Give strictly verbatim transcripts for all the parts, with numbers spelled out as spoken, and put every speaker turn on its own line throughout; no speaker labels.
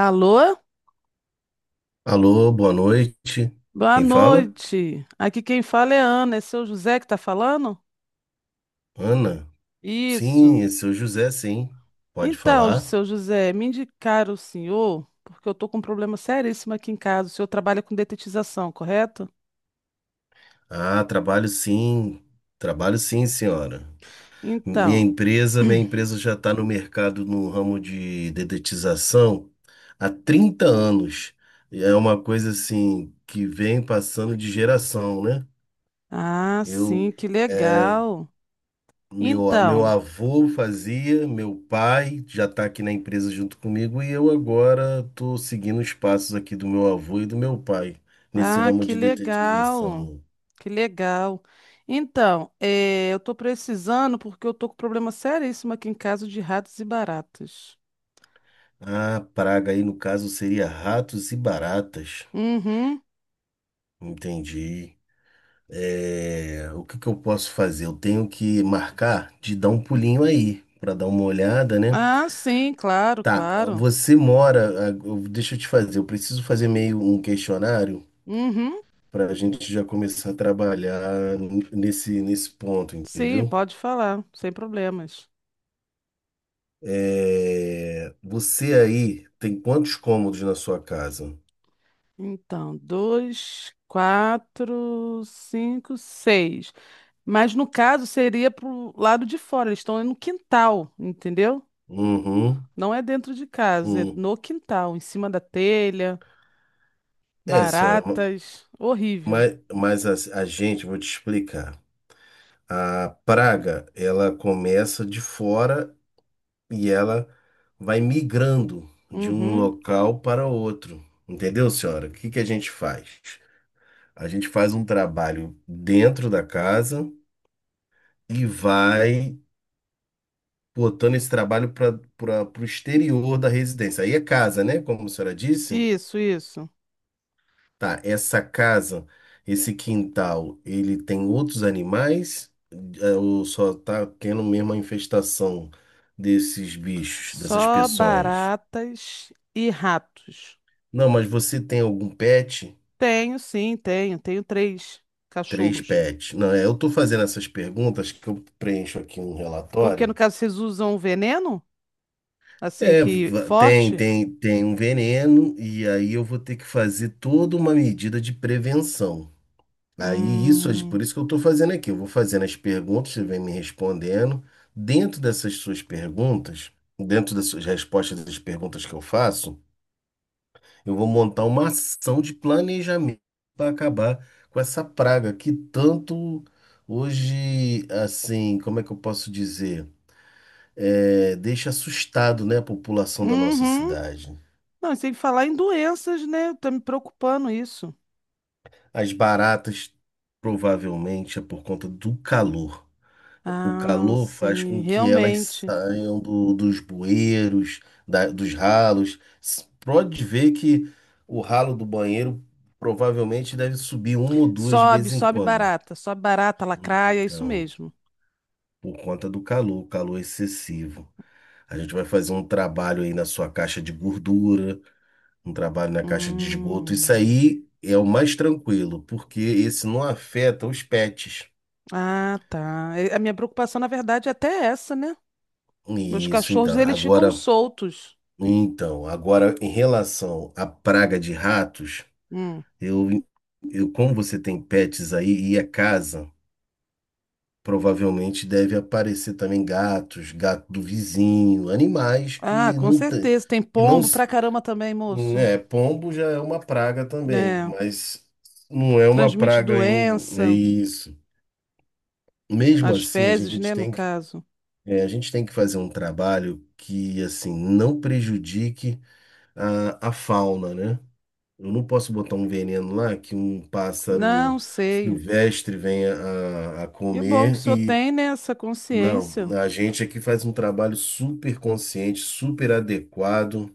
Alô?
Alô, boa noite.
Boa
Quem fala?
noite. Aqui quem fala é Ana, é seu José que está falando?
Ana. Sim,
Isso.
esse é o José, sim. Pode
Então,
falar?
seu José, me indicaram o senhor, porque eu estou com um problema seríssimo aqui em casa. O senhor trabalha com detetização, correto?
Ah, trabalho sim. Trabalho sim, senhora. Minha
Então,
empresa, minha empresa já está no mercado no ramo de dedetização há trinta anos. É uma coisa assim que vem passando de geração, né?
ah,
Eu
sim, que
é,
legal.
Meu, a- meu
Então,
avô fazia, meu pai já está aqui na empresa junto comigo e eu agora estou seguindo os passos aqui do meu avô e do meu pai nesse
ah,
ramo
que
de
legal.
detetização.
Que legal. Então, eh, eu estou precisando porque eu estou com problema seríssimo aqui em casa de ratos e baratas.
A praga aí no caso seria ratos e baratas.
Uhum.
Entendi. É, o que que eu posso fazer? Eu tenho que marcar de dar um pulinho aí para dar uma olhada, né?
Ah, sim, claro,
Tá,
claro.
você mora, ah, eu- deixa eu te fazer, eu preciso fazer meio um questionário
Uhum,
para a gente já começar a trabalhar n- nesse, nesse ponto,
sim,
entendeu?
pode falar, sem problemas.
É, você aí tem quantos cômodos na sua casa?
Então, dois, quatro, cinco, seis. Mas no caso seria pro lado de fora, eles estão no quintal, entendeu?
Uhum,
Não é dentro de casa, é
uhum.
no quintal, em cima da telha,
É, senhora, ma-
baratas, horrível.
mas, mas a, a gente, vou te explicar. A praga, ela começa de fora e ela vai migrando de um
Uhum.
local para outro. Entendeu, senhora? O que que a gente faz? A gente faz um trabalho dentro da casa e vai botando esse trabalho para o exterior da residência. Aí é casa, né? Como a senhora disse.
Isso, isso.
Tá, essa casa, esse quintal, ele tem outros animais? É, ou só tá tendo mesmo a infestação desses bichos, dessas
Só
peçonhas?
baratas e ratos.
Não, mas você tem algum pet?
Tenho, sim, tenho. Tenho três
Três
cachorros.
pets. Não, é, eu tô fazendo essas perguntas que eu preencho aqui um
Porque
relatório.
no caso vocês usam o veneno? Assim
É,
que
va- tem,
forte?
tem, tem um veneno, e aí eu vou ter que fazer toda uma medida de prevenção. Aí isso, é
Hum.
por isso que eu estou fazendo aqui. Eu vou fazendo as perguntas, você vem me respondendo. Dentro dessas suas perguntas, dentro das suas respostas das perguntas que eu faço, eu vou montar uma ação de planejamento para acabar com essa praga que tanto hoje, assim, como é que eu posso dizer? É, deixa assustado, né, a população da nossa
Uhum.
cidade.
Não, e sem falar em doenças, né? Tá me preocupando isso.
As baratas, provavelmente, é por conta do calor. O
Ah,
calor faz
sim,
com que elas
realmente.
saiam do- dos bueiros, da- dos ralos. S- Pode ver que o ralo do banheiro provavelmente deve subir uma ou duas de
Sobe,
vez em
sobe
quando.
barata, sobe barata, lacraia, é isso
Então,
mesmo.
por conta do calor, o calor excessivo. A gente vai fazer um trabalho aí na sua caixa de gordura, um trabalho na caixa de esgoto. Isso
Hum.
aí é o mais tranquilo, porque esse não afeta os pets.
Ah, tá. É- A minha preocupação, na verdade, é até essa, né? Meus
Isso,
cachorros,
então.
eles ficam
Agora.
soltos.
Então, agora em relação à praga de ratos,
Hum.
eu, eu como você tem pets aí e é casa, provavelmente deve aparecer também gatos, gato do vizinho, animais
Ah,
que
com
não tem,
certeza. Tem
que não,
pombo
s-
pra caramba também, moço.
né, pombo já é uma praga também,
É,
mas não é uma
transmite
praga ainda, é
doença.
isso. Mesmo
As
assim, a
fezes,
gente
né, no
tem que,
caso.
é, a gente tem que fazer um trabalho que assim não prejudique a, a fauna, né? Eu não posso botar um veneno lá que um pássaro
Não sei.
silvestre venha a, a
Que bom que o
comer
senhor
e.
tem, né, essa
Não,
consciência.
a gente aqui faz um trabalho super consciente, super adequado.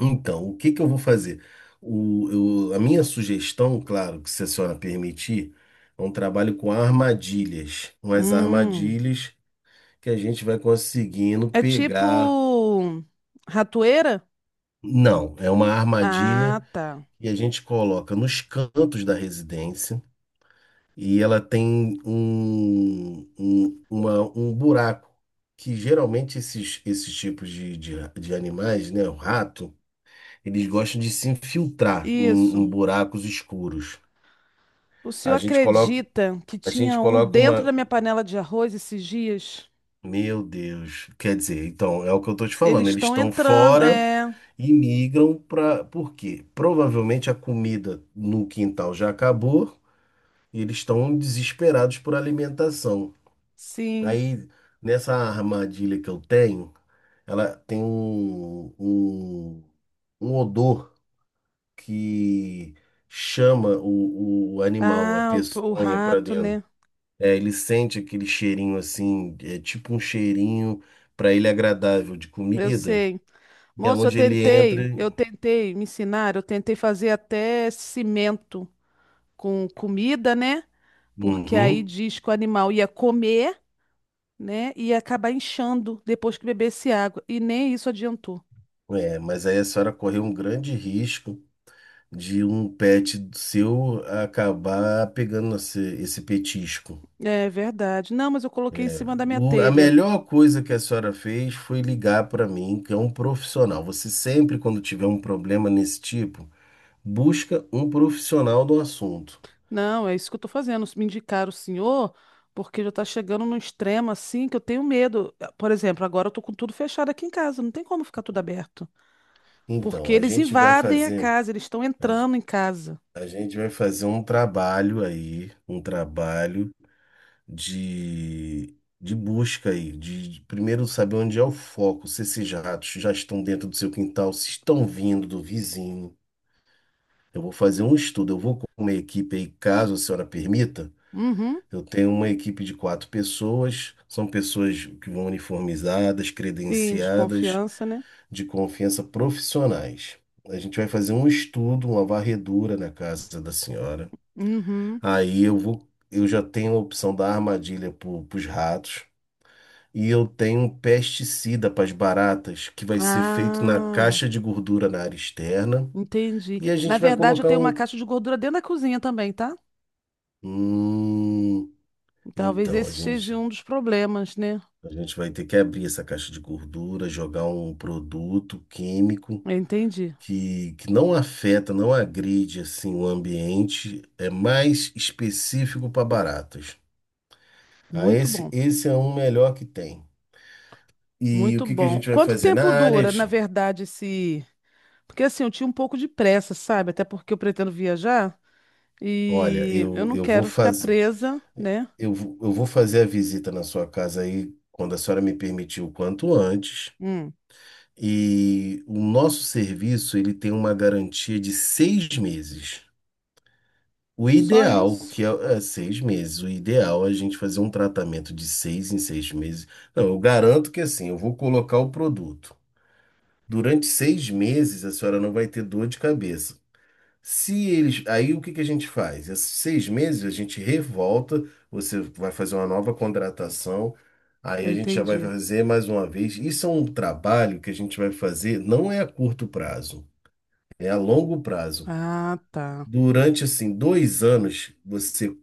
Então, o que que eu vou fazer? O, eu- a minha sugestão, claro, que se a senhora permitir, é um trabalho com armadilhas. Umas
Hum.
armadilhas que a gente vai conseguindo
É tipo
pegar.
ratoeira?
Não, é uma
Ah,
armadilha
tá.
que a gente coloca nos cantos da residência. E ela tem um, um, uma- um buraco, que geralmente esses, esses tipos de, de, de animais, né, o rato, eles gostam de se infiltrar em,
Isso.
em buracos escuros.
O senhor
A gente coloca,
acredita que
a gente
tinha um
coloca
dentro da
uma.
minha panela de arroz esses dias?
Meu Deus, quer dizer, então, é o que eu estou te
Eles
falando, eles
estão
estão
entrando.
fora
É,
e migram para. Por quê? Provavelmente a comida no quintal já acabou. E eles estão desesperados por alimentação.
sim.
Aí, nessa armadilha que eu tenho, ela tem um, um, um odor que chama o, o animal, a
Ah, o, o
peçonha, para
rato,
dentro.
né?
É, ele sente aquele cheirinho assim, é tipo um cheirinho para ele agradável de
Eu
comida.
sei.
E é
Moço, eu
onde ele entra.
tentei, eu tentei me ensinar, eu tentei fazer até cimento com comida, né? Porque aí
Uhum.
diz que o animal ia comer, né? E ia acabar inchando depois que bebesse água. E nem isso adiantou.
É, mas aí a senhora correu um grande risco de um pet seu acabar pegando esse, esse petisco.
É verdade. Não, mas eu coloquei em cima
É,
da minha
o- a
telha.
melhor coisa que a senhora fez foi ligar para mim, que é um profissional. Você sempre, quando tiver um problema nesse tipo, busca um profissional do assunto.
Não, é isso que eu tô fazendo. Me indicaram o senhor, porque já tá chegando num extremo assim que eu tenho medo. Por exemplo, agora eu tô com tudo fechado aqui em casa. Não tem como ficar tudo aberto.
Então,
Porque
a
eles
gente vai
invadem a
fazer,
casa, eles estão
a, ge-
entrando em casa.
a gente vai fazer um trabalho aí, um trabalho de, de busca aí, de, de primeiro saber onde é o foco, se esses ratos já estão dentro do seu quintal, se estão vindo do vizinho. Eu vou fazer um estudo, eu vou com uma equipe aí, caso a senhora permita.
Uhum.
Eu tenho uma equipe de quatro pessoas, são pessoas que vão uniformizadas,
Sim, de
credenciadas,
confiança, né?
de confiança profissionais. A gente vai fazer um estudo, uma varredura na casa da senhora.
Uhum.
Aí eu vou, eu já tenho a opção da armadilha para os ratos e eu tenho um pesticida para as baratas que vai ser feito na
Ah.
caixa de gordura na área externa
Entendi.
e a
Na
gente vai
verdade, eu
colocar
tenho uma
um.
caixa de gordura dentro da cozinha também, tá?
Hum,
Talvez
então a
esse
gente
seja um dos problemas, né?
a gente vai ter que abrir essa caixa de gordura, jogar um produto químico
Eu entendi.
que, que não afeta, não agride assim o ambiente, é mais específico para baratas. Ah,
Muito
esse,
bom.
esse é um melhor que tem. E o
Muito
que que a
bom.
gente vai
Quanto
fazer na
tempo
área?
dura, na
Ju?
verdade, esse. Porque assim, eu tinha um pouco de pressa, sabe? Até porque eu pretendo viajar
Olha,
e eu
eu,
não
eu vou
quero ficar
fazer
presa, né?
eu, vou- eu vou fazer a visita na sua casa aí quando a senhora me permitir o quanto antes.
Hum,
E o nosso serviço ele tem uma garantia de seis meses. O
só
ideal,
isso.
que é, é seis meses, o ideal é a gente fazer um tratamento de seis em seis meses. Não, eu garanto que assim, eu vou colocar o produto. Durante seis meses, a senhora não vai ter dor de cabeça. Se eles. Aí o que que a gente faz? Esses seis meses a gente revolta, você vai fazer uma nova contratação, aí
Eu
a gente já vai
entendi.
fazer mais uma vez. Isso é um trabalho que a gente vai fazer, não é a curto prazo, é a longo prazo.
Ah, tá.
Durante assim dois anos, você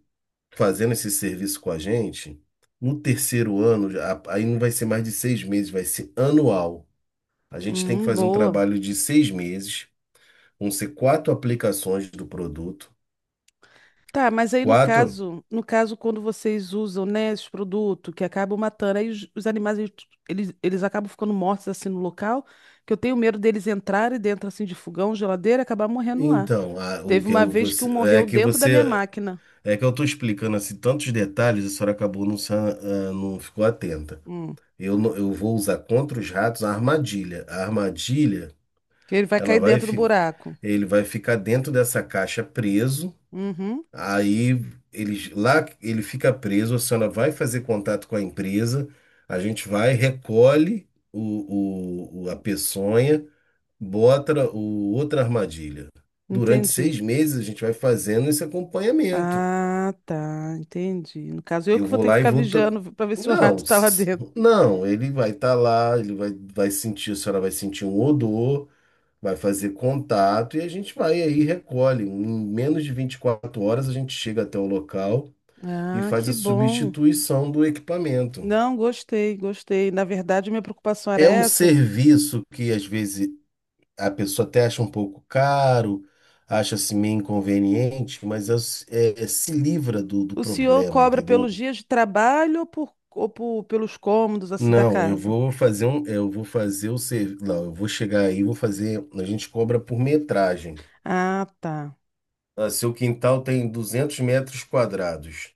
fazendo esse serviço com a gente, no terceiro ano, já- aí não vai ser mais de seis meses, vai ser anual. A gente tem que
Hum,
fazer um
boa.
trabalho de seis meses, vão ser quatro aplicações do produto.
Tá, mas aí no
Quatro.
caso, no caso quando vocês usam, né, esse produto que acabam matando, aí os, os animais eles, eles, eles acabam ficando mortos assim no local, que eu tenho medo deles entrarem dentro assim de fogão, geladeira, e acabar morrendo lá.
Então, a- o
Teve
que
uma
eu,
vez que um
você, é
morreu
que
dentro da minha
você.
máquina.
É que eu estou explicando assim tantos detalhes, a senhora acabou não, sa- ah, não ficou atenta.
Hum,
Eu, não- Eu vou usar contra os ratos a armadilha. A armadilha,
que ele vai
ela
cair
vai,
dentro do
fi-
buraco.
ele vai ficar dentro dessa caixa preso.
Uhum,
Aí eles lá ele fica preso, a senhora vai fazer contato com a empresa, a gente vai, recolhe o, o- o- a peçonha, bota o, outra armadilha. Durante
entendi.
seis meses a gente vai fazendo esse acompanhamento.
Ah, tá, entendi. No caso, eu
Eu
que vou
vou
ter que
lá e
ficar
vou. To-
vigiando para ver se o
Não,
rato tá lá
s-
dentro.
não, ele vai estar lá, ele vai, vai sentir, a senhora vai sentir um odor, vai fazer contato e a gente vai aí, e recolhe. Em menos de vinte e quatro horas a gente chega até o local. E
Ah,
faz a
que bom.
substituição do equipamento.
Não, gostei, gostei. Na verdade, minha preocupação era
É um
essa.
serviço que às vezes a pessoa até acha um pouco caro, acha-se meio inconveniente, mas é, é- é- se livra do, do
O senhor
problema,
cobra pelos
entendeu?
dias de trabalho ou, por, ou por- pelos cômodos assim da
Não, eu
casa?
vou fazer um, eu vou fazer o serviço, não, eu vou chegar aí, vou fazer, a gente cobra por metragem.
Ah, tá.
Ah, seu quintal tem duzentos metros quadrados.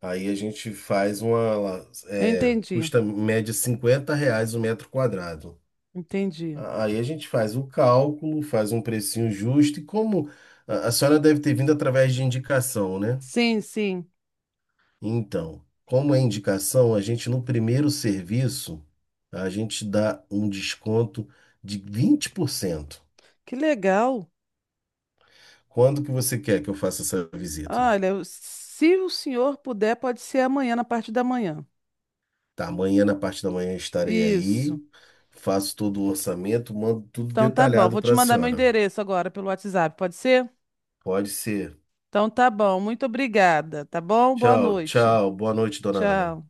Aí a gente faz uma,
Eu
é,
entendi,
custa média cinquenta reais o metro quadrado.
entendi.
Aí a gente faz o cálculo, faz um precinho justo e como a a senhora deve ter vindo através de indicação, né?
Sim, sim.
Então, como é indicação, a gente no primeiro serviço, a gente dá um desconto de vinte por cento.
Que legal.
Quando que você quer que eu faça essa visita?
Olha, o- se o senhor puder, pode ser amanhã, na parte da manhã.
Tá, amanhã, na parte da manhã, eu estarei aí,
Isso.
faço todo o orçamento, mando tudo
Então tá bom.
detalhado
Vou te
para a
mandar meu
senhora.
endereço agora pelo WhatsApp, pode ser?
Pode ser.
Então tá bom. Muito obrigada, tá bom? Boa
Tchau,
noite.
tchau. Boa noite, dona Ana.
Tchau.